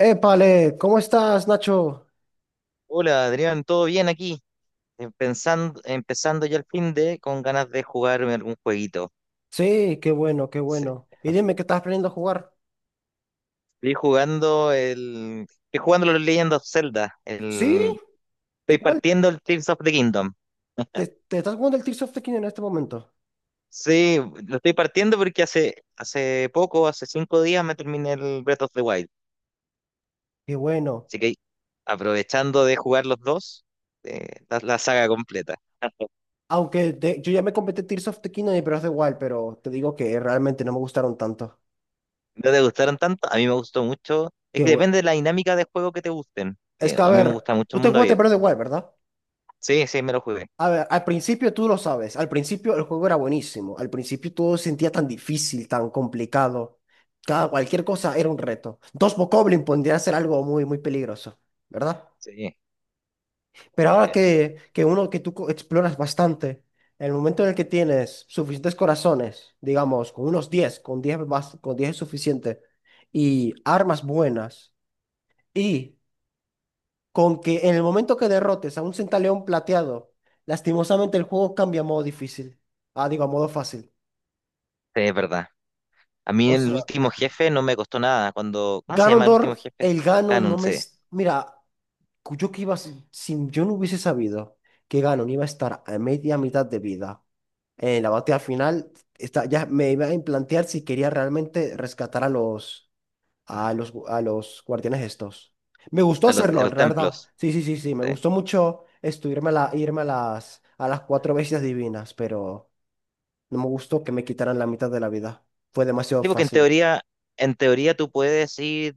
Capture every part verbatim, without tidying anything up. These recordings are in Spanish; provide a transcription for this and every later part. Épale, ¿cómo estás, Nacho? Hola Adrián, ¿todo bien aquí? Empezando, empezando ya el fin de con ganas de jugarme algún jueguito. Sí, qué bueno, qué Sí. bueno. Y dime que estás aprendiendo a jugar. Estoy jugando el. Estoy jugando los Legend of Zelda. ¿Sí? El, ¿Y estoy cuál? partiendo el Tears of the Kingdom. ¿Te, te estás jugando el Tears of the Kingdom en este momento? Sí, lo estoy partiendo porque hace, hace poco, hace cinco días, me terminé el Breath of the Wild. Qué bueno. Así que aprovechando de jugar los dos, eh, la, la saga completa. Aunque de- yo ya me completé Tears of the Kingdom y Breath of the Wild, pero te digo que realmente no me gustaron tanto. ¿No te gustaron tanto? A mí me gustó mucho. Es Qué que bu- depende de la dinámica de juego que te gusten. Es Eh, que, a a mí me ver, gusta mucho tú el te mundo jugaste Breath of the abierto. Wild, ¿verdad? Sí, sí, me lo jugué. A ver, al principio tú lo sabes, al principio el juego era buenísimo, al principio todo se sentía tan difícil, tan complicado, cada cualquier cosa era un reto. Dos Bokoblin podría ser algo muy, muy peligroso, ¿verdad? Sí, sí, Pero ahora que, que uno que tú co- exploras bastante, en el momento en el que tienes suficientes corazones, digamos, con unos diez, con diez más, con diez es suficiente, y armas buenas, y con que en el momento que derrotes a un centaleón plateado, lastimosamente el juego cambia a modo difícil. Ah, digo, a modo fácil. es verdad. A mí O el sea, último jefe no me costó nada. Cuando, ¿cómo se llama el último Ganondorf, jefe? el Ganon no Canon, me... sí. es- Mira, yo que iba... sin- sin- yo no hubiese sabido que Ganon iba a estar a media mitad de vida en la batalla final, está, ya me iba a plantear si quería realmente rescatar a los... a los, gu- a los guardianes estos. Me gustó A los, a hacerlo, la los verdad. templos. Sí, sí, sí, sí. Me Sí. gustó mucho esto, irme a, la- irme a las, a las cuatro bestias divinas, pero no me gustó que me quitaran la mitad de la vida. Fue demasiado Sí, porque en fácil. teoría, en teoría tú puedes ir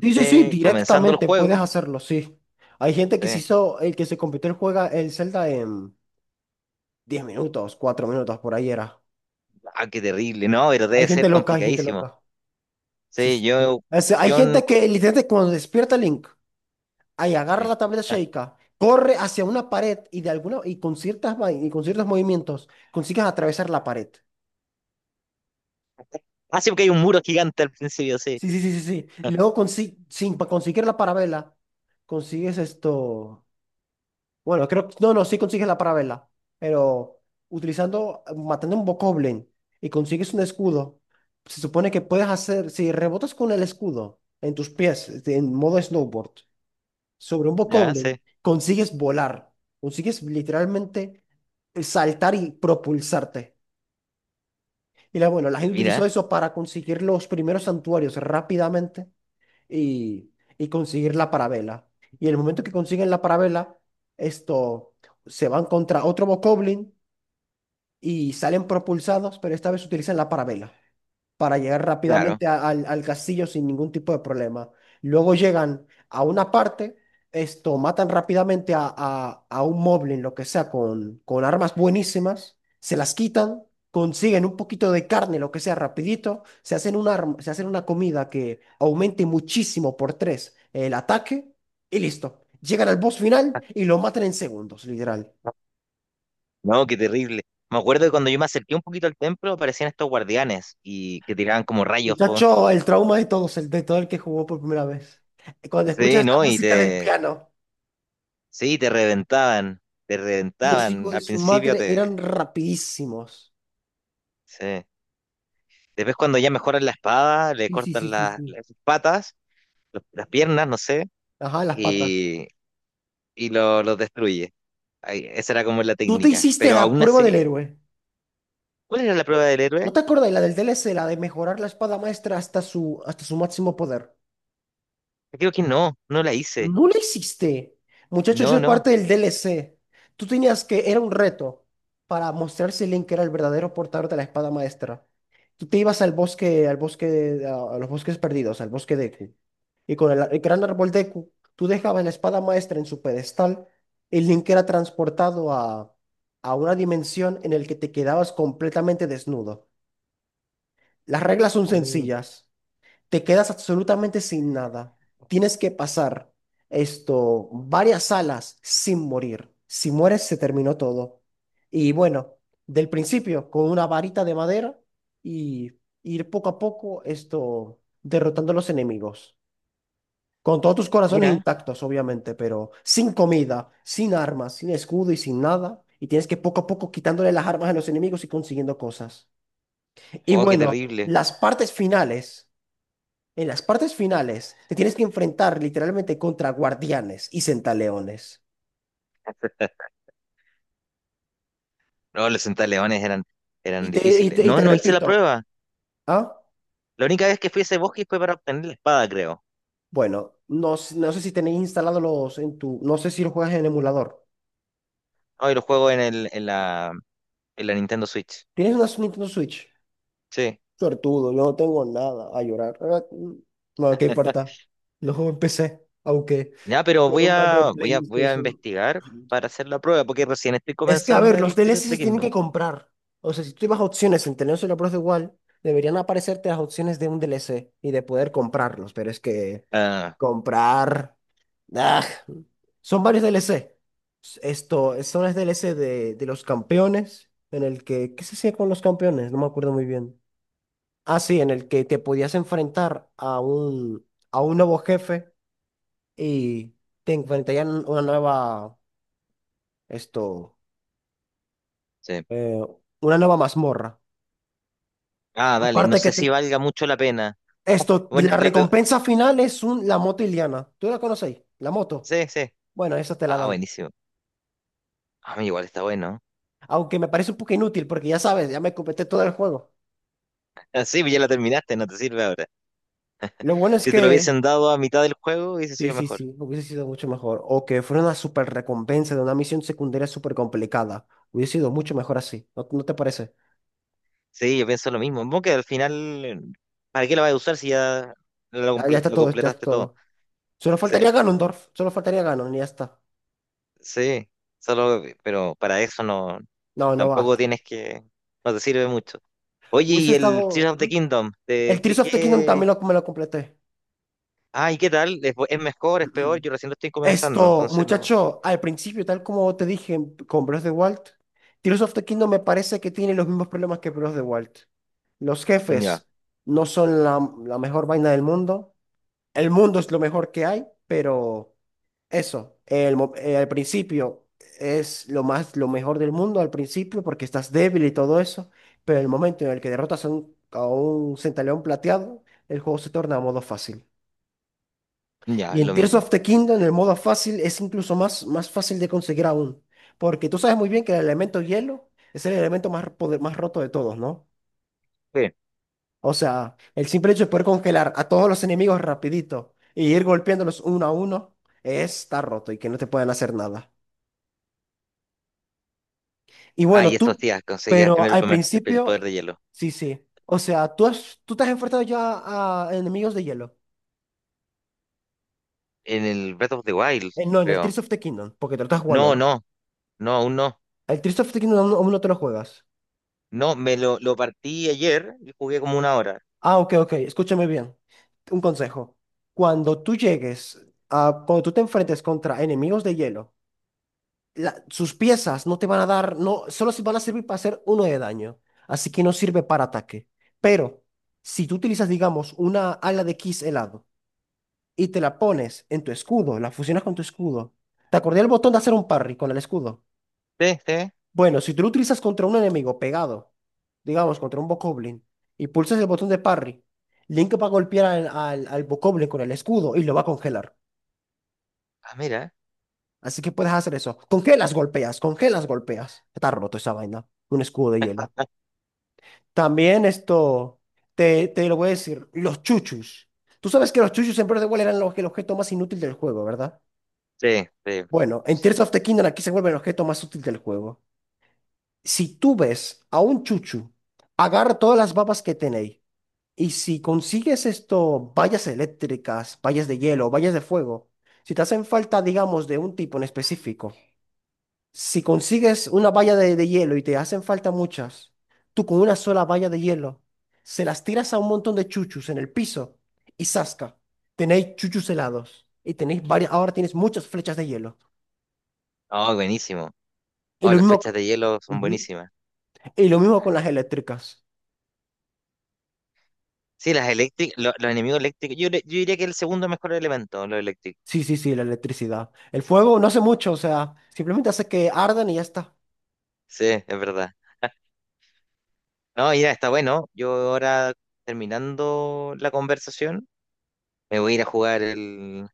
Sí, sí, sí, comenzando el directamente puedes juego. hacerlo, sí. Hay gente que se Sí. hizo, el que se compitió el juega el Zelda en diez minutos, cuatro minutos, por ahí era. Ah, qué terrible, ¿no? Pero Hay debe gente ser loca, hay gente complicadísimo. loca. Sí, Sí, sí, sí. yo, O sea, hay yo, no- gente que literalmente cuando despierta Link. Ahí agarra sí. la tableta Sheikah, corre hacia una pared y de alguna y con ciertas vai- y con ciertos movimientos consigues atravesar la pared. Ah, sí, porque hay un muro gigante al principio, sí. Sí, sí, sí, sí, sí. Y luego consi- sin pa- conseguir la parabela, consigues esto. Bueno, creo que no, no, sí consigues la parabela, pero utilizando matando un bokoblin y consigues un escudo, se supone que puedes hacer si rebotas con el escudo en tus pies este, en modo snowboard sobre un Ya, bokoblin, sí. consigues volar, consigues literalmente eh, saltar y propulsarte. Y la, bueno, la gente utilizó Mira. eso para conseguir los primeros santuarios rápidamente y, y conseguir la parabela. Y en el momento que consiguen la parabela, esto, se van contra otro bokoblin y salen propulsados, pero esta vez utilizan la parabela para llegar Claro. rápidamente a- al, al castillo sin ningún tipo de problema. Luego llegan a una parte, esto, matan rápidamente a, a, a un moblin, lo que sea, con, con armas buenísimas, se las quitan, consiguen un poquito de carne, lo que sea, rapidito, se hacen un arma, se hacen una comida que aumente muchísimo por tres el ataque y listo. Llegan al boss final y lo matan en segundos, literal. No, qué terrible. Me acuerdo que cuando yo me acerqué un poquito al templo aparecían estos guardianes y que tiraban como rayos, po. Muchacho, el trauma de todos, el de todo el que jugó por primera vez. Cuando Sí, escuchas la ¿no? Y música del te, piano. sí, te reventaban, te Los reventaban. hijos de Al su principio madre te, eran rapidísimos. sí. Después cuando ya mejoran la espada, le Sí, sí, sí, cortan sí, la- sí. las patas, los- las piernas, no sé, Ajá, las patas. y, y lo- los destruye. Ahí, esa era como la Tú te técnica. hiciste Pero la aún prueba del así, héroe. ¿cuál era la prueba del héroe? ¿No te acordás la del D L C, la de mejorar la espada maestra hasta su, hasta su máximo poder? Creo que no, no la hice. No lo hiciste. Muchacho, eso No, es no. parte del D L C. Tú tenías que, era un reto para mostrar si Link era el verdadero portador de la espada maestra. Tú te ibas al bosque, al bosque, a, a los bosques perdidos, al bosque de Q. Y con el, el gran árbol de Q, tú dejabas la espada maestra en su pedestal, y Link era transportado a, a una dimensión en la que te quedabas completamente desnudo. Las reglas son Uh, sencillas, te quedas absolutamente sin nada. Tienes que pasar esto, varias salas sin morir. Si mueres, se terminó todo. Y bueno, del principio, con una varita de madera y ir poco a poco esto, derrotando a los enemigos. Con todos tus corazones mira. intactos, obviamente, pero sin comida, sin armas, sin escudo y sin nada. Y tienes que poco a poco quitándole las armas a los enemigos y consiguiendo cosas. Y Oh, qué bueno, terrible. las partes finales. En las partes finales, te tienes que enfrentar literalmente contra guardianes y centaleones. No, los centaleones eran, Y eran te, y difíciles. Te, y No, te no hice la repito, prueba. ¿ah? La única vez que fui a ese bosque fue para obtener la espada, creo. Bueno, no, s- no sé si tenéis instalados los en tu. No sé si lo juegas en emulador. Hoy lo juego en el, en la, en la Nintendo Switch. ¿Tienes una s- Nintendo Switch? Sí. Suertudo, yo no tengo nada a llorar. Ah, mm, No, ¿qué importa? Lo juego en P C, aunque Ya, pero con voy un mando de a, voy a, voy a PlayStation. investigar para hacer la prueba, porque recién estoy Es que, a comenzando ver, los el Tears of D L C se the tienen Kingdom. que comprar. O sea, si tú ibas a opciones en tener solo Pro de igual, deberían aparecerte las opciones de un D L C y de poder comprarlos. Pero es que Ah, comprar. ¡Ah! Son varios D L C. Esto, son los D L C de, de los campeones. En el que. ¿Qué se hacía con los campeones? No me acuerdo muy bien. Ah, sí, en el que te podías enfrentar a un, a un nuevo jefe y te enfrentarían una nueva. Esto. sí. eh, una nueva mazmorra. Ah, dale. No Aparte que sé si te- valga mucho la pena. esto, Bueno, la le- eh, recompensa final es un, la moto Iliana. ¿Tú la conocéis? La moto. sí, sí. Bueno, esa te la Ah, dan. buenísimo. Ah, mira, igual está bueno. Aunque me parece un poco inútil porque ya sabes, ya me completé todo el juego. Ah, sí, pues ya la terminaste, no te sirve ahora. Lo bueno es Si te lo que... hubiesen dado a mitad del juego, hubiese Sí, sido sí, mejor. sí, hubiese sido mucho mejor. O que fuera una super recompensa de una misión secundaria súper complicada. Hubiese sido mucho mejor así. ¿No, no te parece? Sí, yo pienso lo mismo. Como que al final, ¿para qué lo vas a usar si ya lo, Ya, ya comple- está lo todo, ya está completaste todo? todo. Solo Sí, faltaría Ganondorf. Solo faltaría Ganon y ya está. sí, solo, pero para eso no, No, no va. tampoco tienes que, no te sirve mucho. Oye, Hubiese y el estado... Tears of the Kingdom, El ¿de Tears qué, of the Kingdom qué? también lo, me lo completé. Ay, ¿qué tal? ¿Es, bu- es mejor, es peor? Yo recién lo estoy comenzando, Esto, entonces no. muchacho, al principio, tal como te dije con Breath of the Wild, Tears of the Kingdom me parece que tiene los mismos problemas que Breath of the Wild. Los Ya, jefes no son la, la mejor vaina del mundo. El mundo es lo mejor que hay, pero eso, el mo- eh, al principio es lo más, lo mejor del mundo al principio porque estás débil y todo eso, pero el momento en el que derrotas a un, a un centaleón plateado, el juego se torna a modo fácil. ya, Y en lo Tears mismo. of the Kingdom, el modo fácil, es incluso más, más fácil de conseguir aún. Porque tú sabes muy bien que el elemento hielo es el elemento más, poder- más roto de todos, ¿no? Bien. O sea, el simple hecho de poder congelar a todos los enemigos rapidito y ir golpeándolos uno a uno, está roto y que no te puedan hacer nada. Y Ah, bueno, y tú, estos días conseguías pero primero el, al primer- el el poder principio, de hielo. sí, sí. O sea, tú, has, tú te has enfrentado ya a enemigos de hielo. En el Breath of the Wild, Eh, no, en el Tears creo. of the Kingdom, porque te lo estás jugando, No, ¿no? no, no, aún no. El Tears of the Kingdom aún aún no te lo juegas. No, me lo, lo partí ayer y jugué como una hora. Ah, ok, ok, escúchame bien. Un consejo. Cuando tú llegues a, cuando tú te enfrentes contra enemigos de hielo, la- sus piezas no te van a dar, no, solo se van a servir para hacer uno de daño. Así que no sirve para ataque. Pero si tú utilizas, digamos, una ala de Kiss helado y te la pones en tu escudo, la fusionas con tu escudo, ¿te acordé el botón de hacer un parry con el escudo? Sí, sí. Bueno, si tú lo utilizas contra un enemigo pegado, digamos, contra un Bokoblin, y pulsas el botón de parry, Link va a golpear al, al, al Bokoblin con el escudo y lo va a congelar. Ah, mira. Así que puedes hacer eso. Congelas, golpeas, congelas, golpeas. Está roto esa vaina. Un escudo de hielo. También esto, te, te lo voy a decir, los chuchus. Tú sabes que los chuchus en Breath of the Wild eran los, el objeto más inútil del juego, ¿verdad? Sí, sí, Bueno, en sí. Tears of the Kingdom aquí se vuelve el objeto más útil del juego. Si tú ves a un chuchu, agarra todas las babas que tenéis. Y si consigues esto, vallas eléctricas, vallas de hielo, vallas de fuego, si te hacen falta, digamos, de un tipo en específico, si consigues una valla de, de hielo y te hacen falta muchas, tú con una sola valla de hielo, se las tiras a un montón de chuchus en el piso y zasca, tenéis chuchus helados y tenéis varias, ahora tienes muchas flechas de hielo. Oh, buenísimo. Y Oh, lo las mismo, flechas co- de hielo son Ujú. buenísimas. Y lo mismo con las eléctricas. Sí, las eléctricas, lo- los enemigos eléctricos. Yo, le- yo diría que el segundo mejor elemento, los eléctricos. Sí, sí, sí, la electricidad. El fuego no hace mucho, o sea, simplemente hace que ardan y ya está. Sí, es verdad. No, ya está bueno. Yo ahora, terminando la conversación, me voy a ir a jugar el,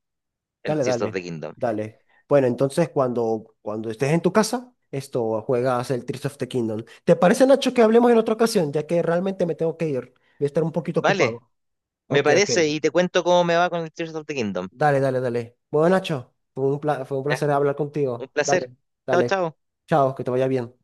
el Dale, Tears of dale, the Kingdom. dale. Bueno, entonces cuando, cuando estés en tu casa, esto juegas el Tears of the Kingdom. ¿Te parece, Nacho, que hablemos en otra ocasión? Ya que realmente me tengo que ir. Voy a estar un poquito Vale, ocupado. me Ok, ok. parece y te cuento cómo me va con el Tears of the Kingdom. Dale, dale, dale. Bueno, Nacho, fue un pla- fue un Ya, placer hablar un contigo. placer. Dale, Chao, dale. chao. Chao, que te vaya bien.